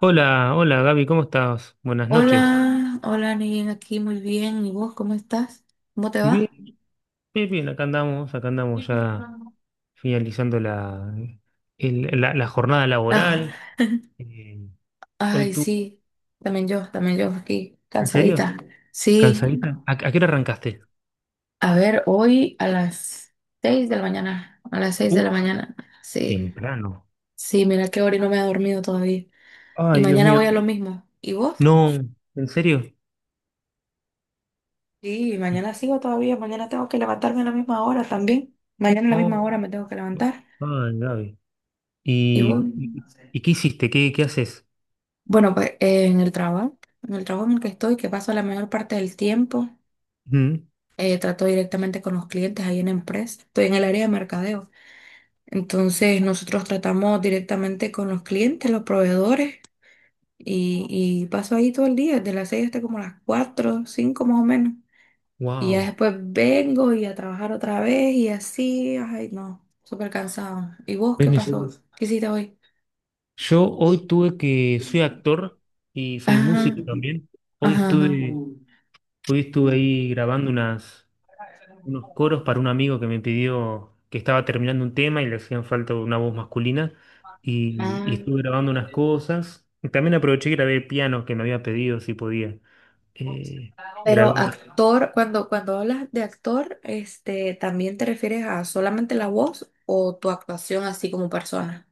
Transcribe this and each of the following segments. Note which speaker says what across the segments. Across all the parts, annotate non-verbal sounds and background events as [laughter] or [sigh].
Speaker 1: Hola, hola Gaby, ¿cómo estás? Buenas noches.
Speaker 2: Hola, hola, Nien, aquí muy bien. ¿Y vos cómo estás? ¿Cómo te
Speaker 1: Bien,
Speaker 2: va?
Speaker 1: bien, bien, acá andamos ya
Speaker 2: La
Speaker 1: finalizando la jornada
Speaker 2: jornada.
Speaker 1: laboral. Eh, hoy
Speaker 2: Ay,
Speaker 1: tú,
Speaker 2: sí, también yo aquí,
Speaker 1: ¿en serio?
Speaker 2: cansadita. Sí,
Speaker 1: ¿Cansadita? ¿A qué hora arrancaste?
Speaker 2: a ver, hoy a las seis de la mañana, a las seis
Speaker 1: Uh,
Speaker 2: de la mañana. Sí,
Speaker 1: temprano.
Speaker 2: sí, mira qué hora y no me ha dormido todavía. Y
Speaker 1: Ay, Dios
Speaker 2: mañana
Speaker 1: mío.
Speaker 2: voy a lo
Speaker 1: Y,
Speaker 2: mismo. ¿Y vos?
Speaker 1: no, ¿en serio?
Speaker 2: Sí,
Speaker 1: Y,
Speaker 2: mañana sigo todavía, mañana tengo que levantarme a la misma hora también. Mañana a la misma
Speaker 1: oh,
Speaker 2: hora me tengo que
Speaker 1: no,
Speaker 2: levantar.
Speaker 1: ay, Gaby.
Speaker 2: ¿Y vos?
Speaker 1: ¿Y, y, y qué hiciste? ¿Qué haces?
Speaker 2: Bueno, pues en el trabajo, en el trabajo en el que estoy, que paso la mayor parte del tiempo, trato directamente con los clientes ahí en la empresa. Estoy en el área de mercadeo. Entonces, nosotros tratamos directamente con los clientes, los proveedores, y paso ahí todo el día, desde las 6 hasta como las 4 5 más o menos. Y ya
Speaker 1: Wow.
Speaker 2: después vengo y a trabajar otra vez y así, ay, no, súper cansado. ¿Y vos qué pasó? ¿Qué hiciste hoy?
Speaker 1: Yo hoy tuve que, soy actor y
Speaker 2: [laughs]
Speaker 1: soy
Speaker 2: Ajá,
Speaker 1: músico también. Hoy
Speaker 2: ajá, ajá.
Speaker 1: estuve Hoy estuve ahí grabando unos coros para un amigo que me pidió que estaba terminando un tema y le hacían falta una voz masculina. Y
Speaker 2: Ah.
Speaker 1: estuve grabando unas cosas. Y también aproveché y grabé piano que me había pedido si podía. Eh,
Speaker 2: Pero
Speaker 1: grabé una.
Speaker 2: actor, cuando, cuando hablas de actor, este, ¿también te refieres a solamente la voz o tu actuación así como persona?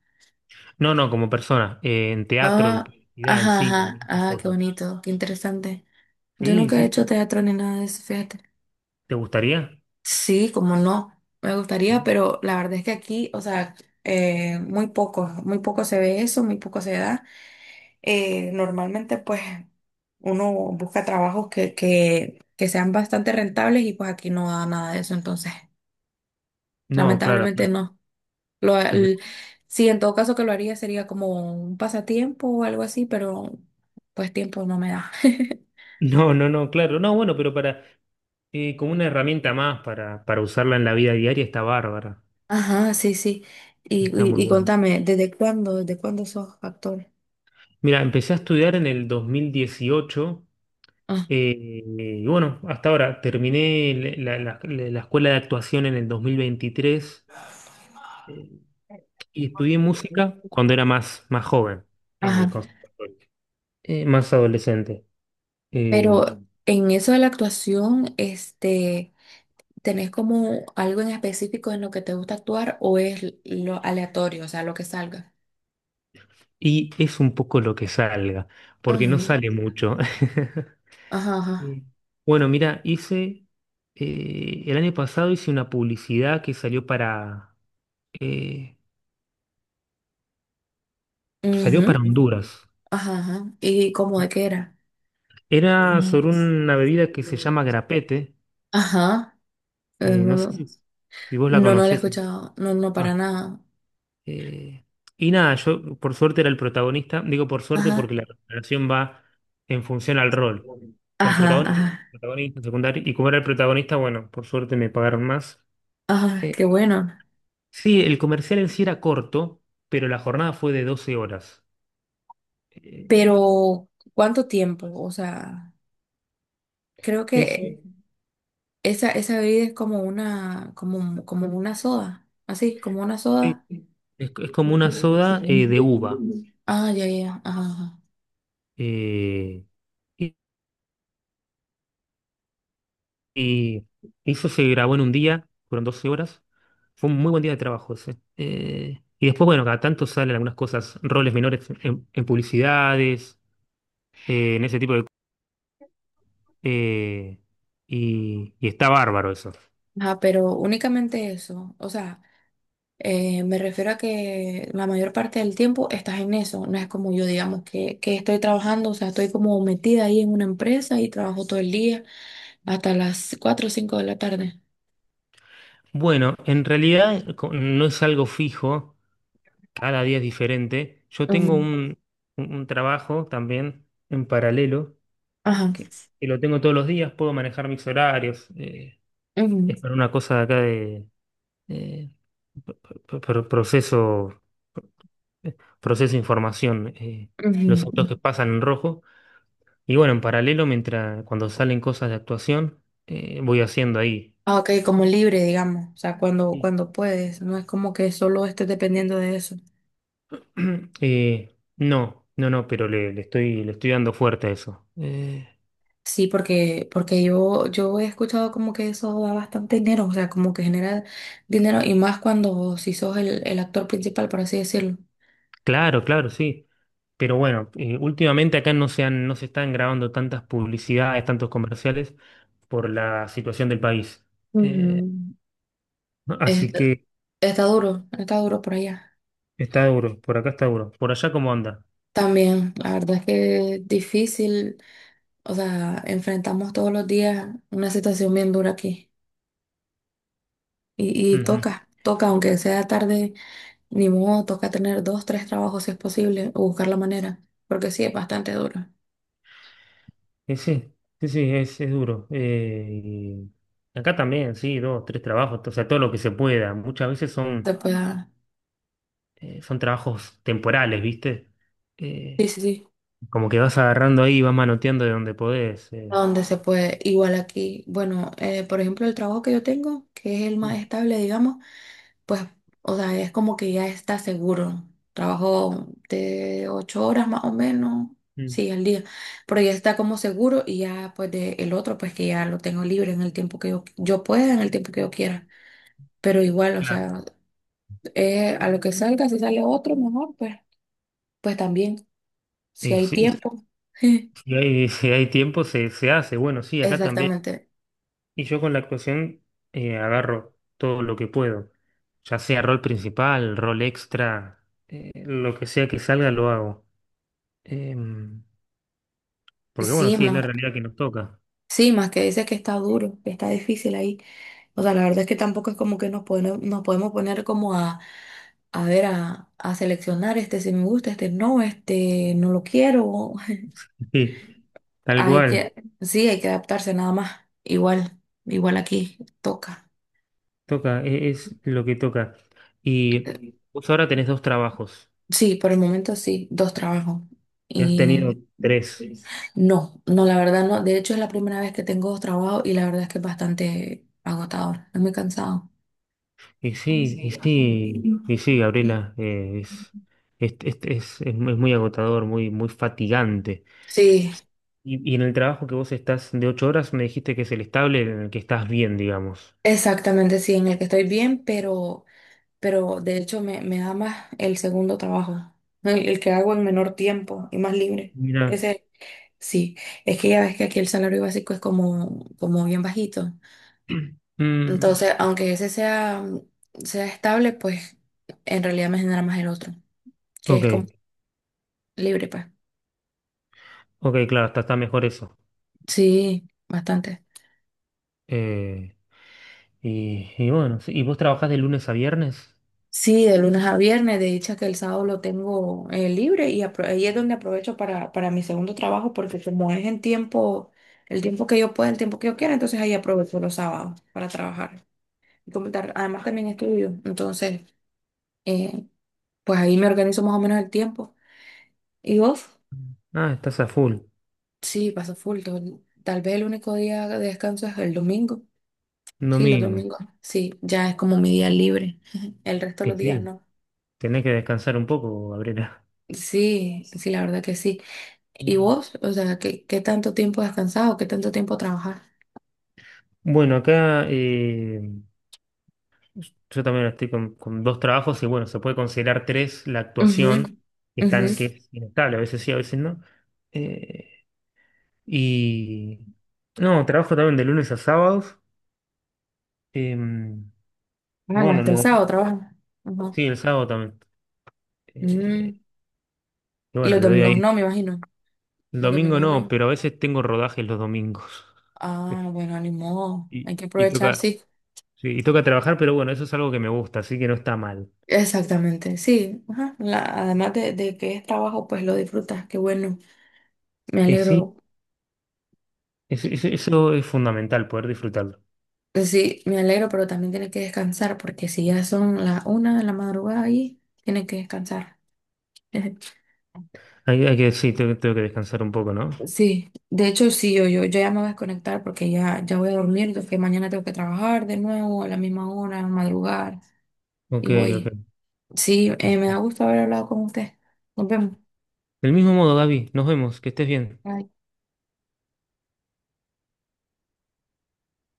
Speaker 1: No, no, como persona, en teatro, en
Speaker 2: Ah,
Speaker 1: publicidad, en
Speaker 2: ajá,
Speaker 1: cine, en
Speaker 2: ajá,
Speaker 1: estas
Speaker 2: ah, qué
Speaker 1: cosas.
Speaker 2: bonito, qué interesante. Yo
Speaker 1: Sí,
Speaker 2: nunca
Speaker 1: sí,
Speaker 2: he hecho
Speaker 1: está.
Speaker 2: teatro ni nada de eso, fíjate.
Speaker 1: ¿Te gustaría?
Speaker 2: Sí, como no, me gustaría,
Speaker 1: Sí.
Speaker 2: pero la verdad es que aquí, o sea, muy poco se ve eso, muy poco se da. Normalmente pues uno busca trabajos que, que sean bastante rentables y pues aquí no da nada de eso, entonces
Speaker 1: No, claro,
Speaker 2: lamentablemente
Speaker 1: claro.
Speaker 2: no. Lo,
Speaker 1: El...
Speaker 2: el- sí, en todo caso que lo haría sería como un pasatiempo o algo así, pero pues tiempo no me da. [laughs]
Speaker 1: [laughs] No, no, no, claro. No, bueno, pero como una herramienta más para usarla en la vida diaria está bárbara.
Speaker 2: Ajá, sí, sí. Y,
Speaker 1: Está
Speaker 2: y,
Speaker 1: muy
Speaker 2: y
Speaker 1: bueno.
Speaker 2: contame, desde cuándo sos actor?
Speaker 1: Mira, empecé a estudiar en el 2018,
Speaker 2: Ah,
Speaker 1: y bueno, hasta ahora terminé la escuela de actuación en el 2023. eh, y estudié música cuando era más joven en el
Speaker 2: ajá.
Speaker 1: conservatorio, más adolescente. eh,
Speaker 2: Pero en eso de la actuación, este... ¿Tenés como algo en específico en lo que te gusta actuar o es lo aleatorio, o sea, lo que salga?
Speaker 1: y es un poco lo que salga, porque no
Speaker 2: Ujú.
Speaker 1: sale mucho. [laughs]
Speaker 2: Ajá, ajá.
Speaker 1: Sí. Bueno, mira, el año pasado hice una publicidad que eh, salió para
Speaker 2: Ujú.
Speaker 1: Honduras.
Speaker 2: Ajá, ajá. ¿Y cómo de qué era?
Speaker 1: Era sobre una bebida que se llama grapete.
Speaker 2: Ajá.
Speaker 1: No
Speaker 2: No,
Speaker 1: sé si vos la
Speaker 2: no, no lo he
Speaker 1: conocés.
Speaker 2: escuchado. No, no, para
Speaker 1: No.
Speaker 2: nada.
Speaker 1: Eh, y nada, yo por suerte era el protagonista. Digo por suerte
Speaker 2: Ajá.
Speaker 1: porque la relación va en función al rol. O sea, el
Speaker 2: Ajá,
Speaker 1: protagonista,
Speaker 2: ajá.
Speaker 1: protagonista, secundario. Y como era el protagonista, bueno, por suerte me pagaron más.
Speaker 2: Ajá,
Speaker 1: Eh,
Speaker 2: qué bueno.
Speaker 1: sí, el comercial en sí era corto, pero la jornada fue de doce horas. Eh,
Speaker 2: Pero, ¿cuánto tiempo? O sea, creo
Speaker 1: eso
Speaker 2: que esa bebida es como una, como, como una soda. Así, como una
Speaker 1: eh,
Speaker 2: soda.
Speaker 1: es como una soda de uva.
Speaker 2: Ah, ya, ya. Ajá, ajá.
Speaker 1: Eh, Y eso se grabó en un día, fueron 12 horas. Fue un muy buen día de trabajo ese. Y después, bueno, cada tanto salen algunas cosas, roles menores en publicidades, en ese tipo de... eh, y está bárbaro eso.
Speaker 2: Ajá, pero únicamente eso. O sea, me refiero a que la mayor parte del tiempo estás en eso. No es como yo, digamos, que estoy trabajando, o sea, estoy como metida ahí en una empresa y trabajo todo el día hasta las 4 o 5 de la tarde.
Speaker 1: Bueno, en realidad no es algo fijo, cada día es diferente. Yo tengo
Speaker 2: Ujú,
Speaker 1: un, un- un trabajo también en paralelo,
Speaker 2: ajá.
Speaker 1: que lo tengo todos los días, puedo manejar mis horarios.
Speaker 2: Ujú,
Speaker 1: Es para una cosa de acá. eh, pro- Proceso, proceso información,
Speaker 2: ujú.
Speaker 1: los autos que pasan en rojo. Y bueno, en paralelo, mientras cuando salen cosas de actuación, voy haciendo ahí.
Speaker 2: Ah, ok, como libre, digamos. O sea, cuando,
Speaker 1: Y,
Speaker 2: cuando puedes. No es como que solo estés dependiendo de eso.
Speaker 1: [clears throat] no, pero le le estoy dando fuerte a eso.
Speaker 2: Sí, porque, porque yo he escuchado como que eso da bastante dinero, o sea, como que genera dinero y más cuando si sos el actor principal, por así decirlo.
Speaker 1: Claro, claro, sí. Pero bueno, últimamente acá no se están grabando tantas publicidades, tantos comerciales por la situación del país. Eh,
Speaker 2: Mm,
Speaker 1: Así
Speaker 2: está,
Speaker 1: que...
Speaker 2: está duro por allá.
Speaker 1: Está duro, por acá está duro. ¿Por allá cómo anda?
Speaker 2: También, la verdad es que es difícil, o sea, enfrentamos todos los días una situación bien dura aquí. Y
Speaker 1: Ujú.
Speaker 2: toca, toca, aunque sea tarde, ni modo, toca tener dos, tres trabajos si es posible, o buscar la manera, porque sí, es bastante duro.
Speaker 1: Eh, sí, sí, sí, es duro. Y acá también, sí, dos, tres trabajos, o sea, todo lo que se pueda. Muchas veces
Speaker 2: Se pueda,
Speaker 1: son trabajos temporales, ¿viste? Eh,
Speaker 2: sí, sí, sí.
Speaker 1: Como que vas agarrando ahí y vas manoteando de donde podés.
Speaker 2: A donde se puede. Igual aquí, bueno, por ejemplo, el trabajo que yo tengo, que es el más
Speaker 1: Mm,
Speaker 2: estable, digamos, pues, o sea, es como que ya está seguro. Trabajo de ocho horas más o menos,
Speaker 1: mm.
Speaker 2: sí, al día, pero ya está como seguro y ya pues de el otro, pues que ya lo tengo libre en el tiempo que yo pueda, en el tiempo que yo quiera. Pero igual, o
Speaker 1: Claro.
Speaker 2: sea, a lo que salga, si sale otro mejor, pues, pues también, si
Speaker 1: Y
Speaker 2: hay tiempo. [laughs]
Speaker 1: si si hay tiempo, se hace. Bueno, sí, acá también.
Speaker 2: Exactamente.
Speaker 1: Y yo con la actuación, agarro todo lo que puedo, ya sea rol principal, rol extra, lo que sea que salga lo hago. Em, Porque bueno,
Speaker 2: Sí,
Speaker 1: sí, es la realidad que nos toca.
Speaker 2: sí, más que dice que está duro, que está difícil ahí. O sea, la verdad es que tampoco es como que nos podemos poner como a ver, a seleccionar este si me gusta, este no lo quiero.
Speaker 1: [laughs] Sí,
Speaker 2: [laughs]
Speaker 1: tal
Speaker 2: Hay
Speaker 1: cual,
Speaker 2: que, sí, hay que adaptarse nada más. Igual, igual aquí toca.
Speaker 1: toca, es, lo que toca. Y
Speaker 2: Eh,
Speaker 1: vos ahora tenés dos trabajos,
Speaker 2: Sí, por el momento sí, dos trabajos.
Speaker 1: ya has tenido
Speaker 2: Y
Speaker 1: tres.
Speaker 2: no, no, la verdad no. De hecho, es la primera vez que tengo dos trabajos y la verdad es que es bastante agotador. Es muy cansado.
Speaker 1: Gabriela, es muy, es muy agotador, muy, muy fatigante.
Speaker 2: Sí,
Speaker 1: Y en el trabajo que vos estás de ocho horas, me dijiste que es el estable en el que estás bien, digamos.
Speaker 2: exactamente, sí, en el que estoy bien, pero de hecho me, me da más el segundo trabajo, el que hago en menor tiempo y más libre.
Speaker 1: Mira.
Speaker 2: Ese, sí, es que ya ves que aquí el salario básico es como, como bien bajito.
Speaker 1: Mm,
Speaker 2: Entonces, aunque ese sea, sea estable, pues en realidad me genera más el otro, que
Speaker 1: ok,
Speaker 2: es como libre, pues.
Speaker 1: ok, claro, está, está mejor eso.
Speaker 2: Sí, bastante.
Speaker 1: Eh, y bueno, sí, ¿y vos trabajás de lunes a viernes?
Speaker 2: Sí, de lunes a viernes, de dicha que el sábado lo tengo libre y ahí es donde aprovecho para mi segundo trabajo porque como es en tiempo, el tiempo que yo pueda, el tiempo que yo quiera, entonces ahí aprovecho los sábados para trabajar. Y como además también estudio, entonces eh, pues ahí me organizo más o menos el tiempo. Y vos,
Speaker 1: Ah, estás a full,
Speaker 2: sí, paso full, tal vez el único día de descanso es el domingo. Sí, los
Speaker 1: domingo.
Speaker 2: domingos, sí, ya es como mi día libre, [laughs] el resto de los
Speaker 1: Y
Speaker 2: días
Speaker 1: sí,
Speaker 2: no.
Speaker 1: tenés que descansar un poco, Gabriela.
Speaker 2: Sí, sí, la verdad que sí. ¿Y vos? O sea, ¿qué, qué tanto tiempo has descansado? ¿Qué tanto tiempo trabajas?
Speaker 1: Bueno, acá yo también estoy con dos trabajos y bueno, se puede considerar tres la actuación,
Speaker 2: Ujú, ujú.
Speaker 1: que es inestable, a veces sí, a veces no. Eh, Y no, trabajo también de lunes a sábados. em, y
Speaker 2: Ah,
Speaker 1: bueno,
Speaker 2: hasta el sábado trabajas. Ajá.
Speaker 1: sí, el sábado también. Eh,
Speaker 2: Mm,
Speaker 1: y
Speaker 2: y
Speaker 1: bueno,
Speaker 2: los
Speaker 1: le doy
Speaker 2: domingos
Speaker 1: ahí.
Speaker 2: no, me imagino.
Speaker 1: El
Speaker 2: Los
Speaker 1: domingo
Speaker 2: domingos
Speaker 1: no,
Speaker 2: no.
Speaker 1: pero a veces tengo rodajes los domingos. [laughs]
Speaker 2: Ah, bueno, ni modo.
Speaker 1: Y,
Speaker 2: Hay que
Speaker 1: y
Speaker 2: aprovechar,
Speaker 1: toca,
Speaker 2: sí.
Speaker 1: sí, y toca trabajar, pero bueno, eso es algo que me gusta, así que no está mal.
Speaker 2: Exactamente, sí. Ajá. Además de que es trabajo, pues lo disfrutas. Qué bueno. Me
Speaker 1: Sí,
Speaker 2: alegro.
Speaker 1: eso es fundamental, poder disfrutarlo.
Speaker 2: Pues sí, me alegro, pero también tienes que descansar porque si ya son las una de la madrugada ahí, tienes que descansar. [laughs]
Speaker 1: Sí, tengo que descansar un poco, ¿no?
Speaker 2: Sí, de hecho sí, yo ya me voy a desconectar porque ya, ya voy a dormir, que mañana tengo que trabajar de nuevo a la misma hora, madrugar
Speaker 1: Ok,
Speaker 2: y
Speaker 1: ok.
Speaker 2: voy. Sí,
Speaker 1: Del
Speaker 2: me da gusto haber hablado con usted. Nos vemos.
Speaker 1: mismo modo, Gaby, nos vemos, que estés bien.
Speaker 2: Bye.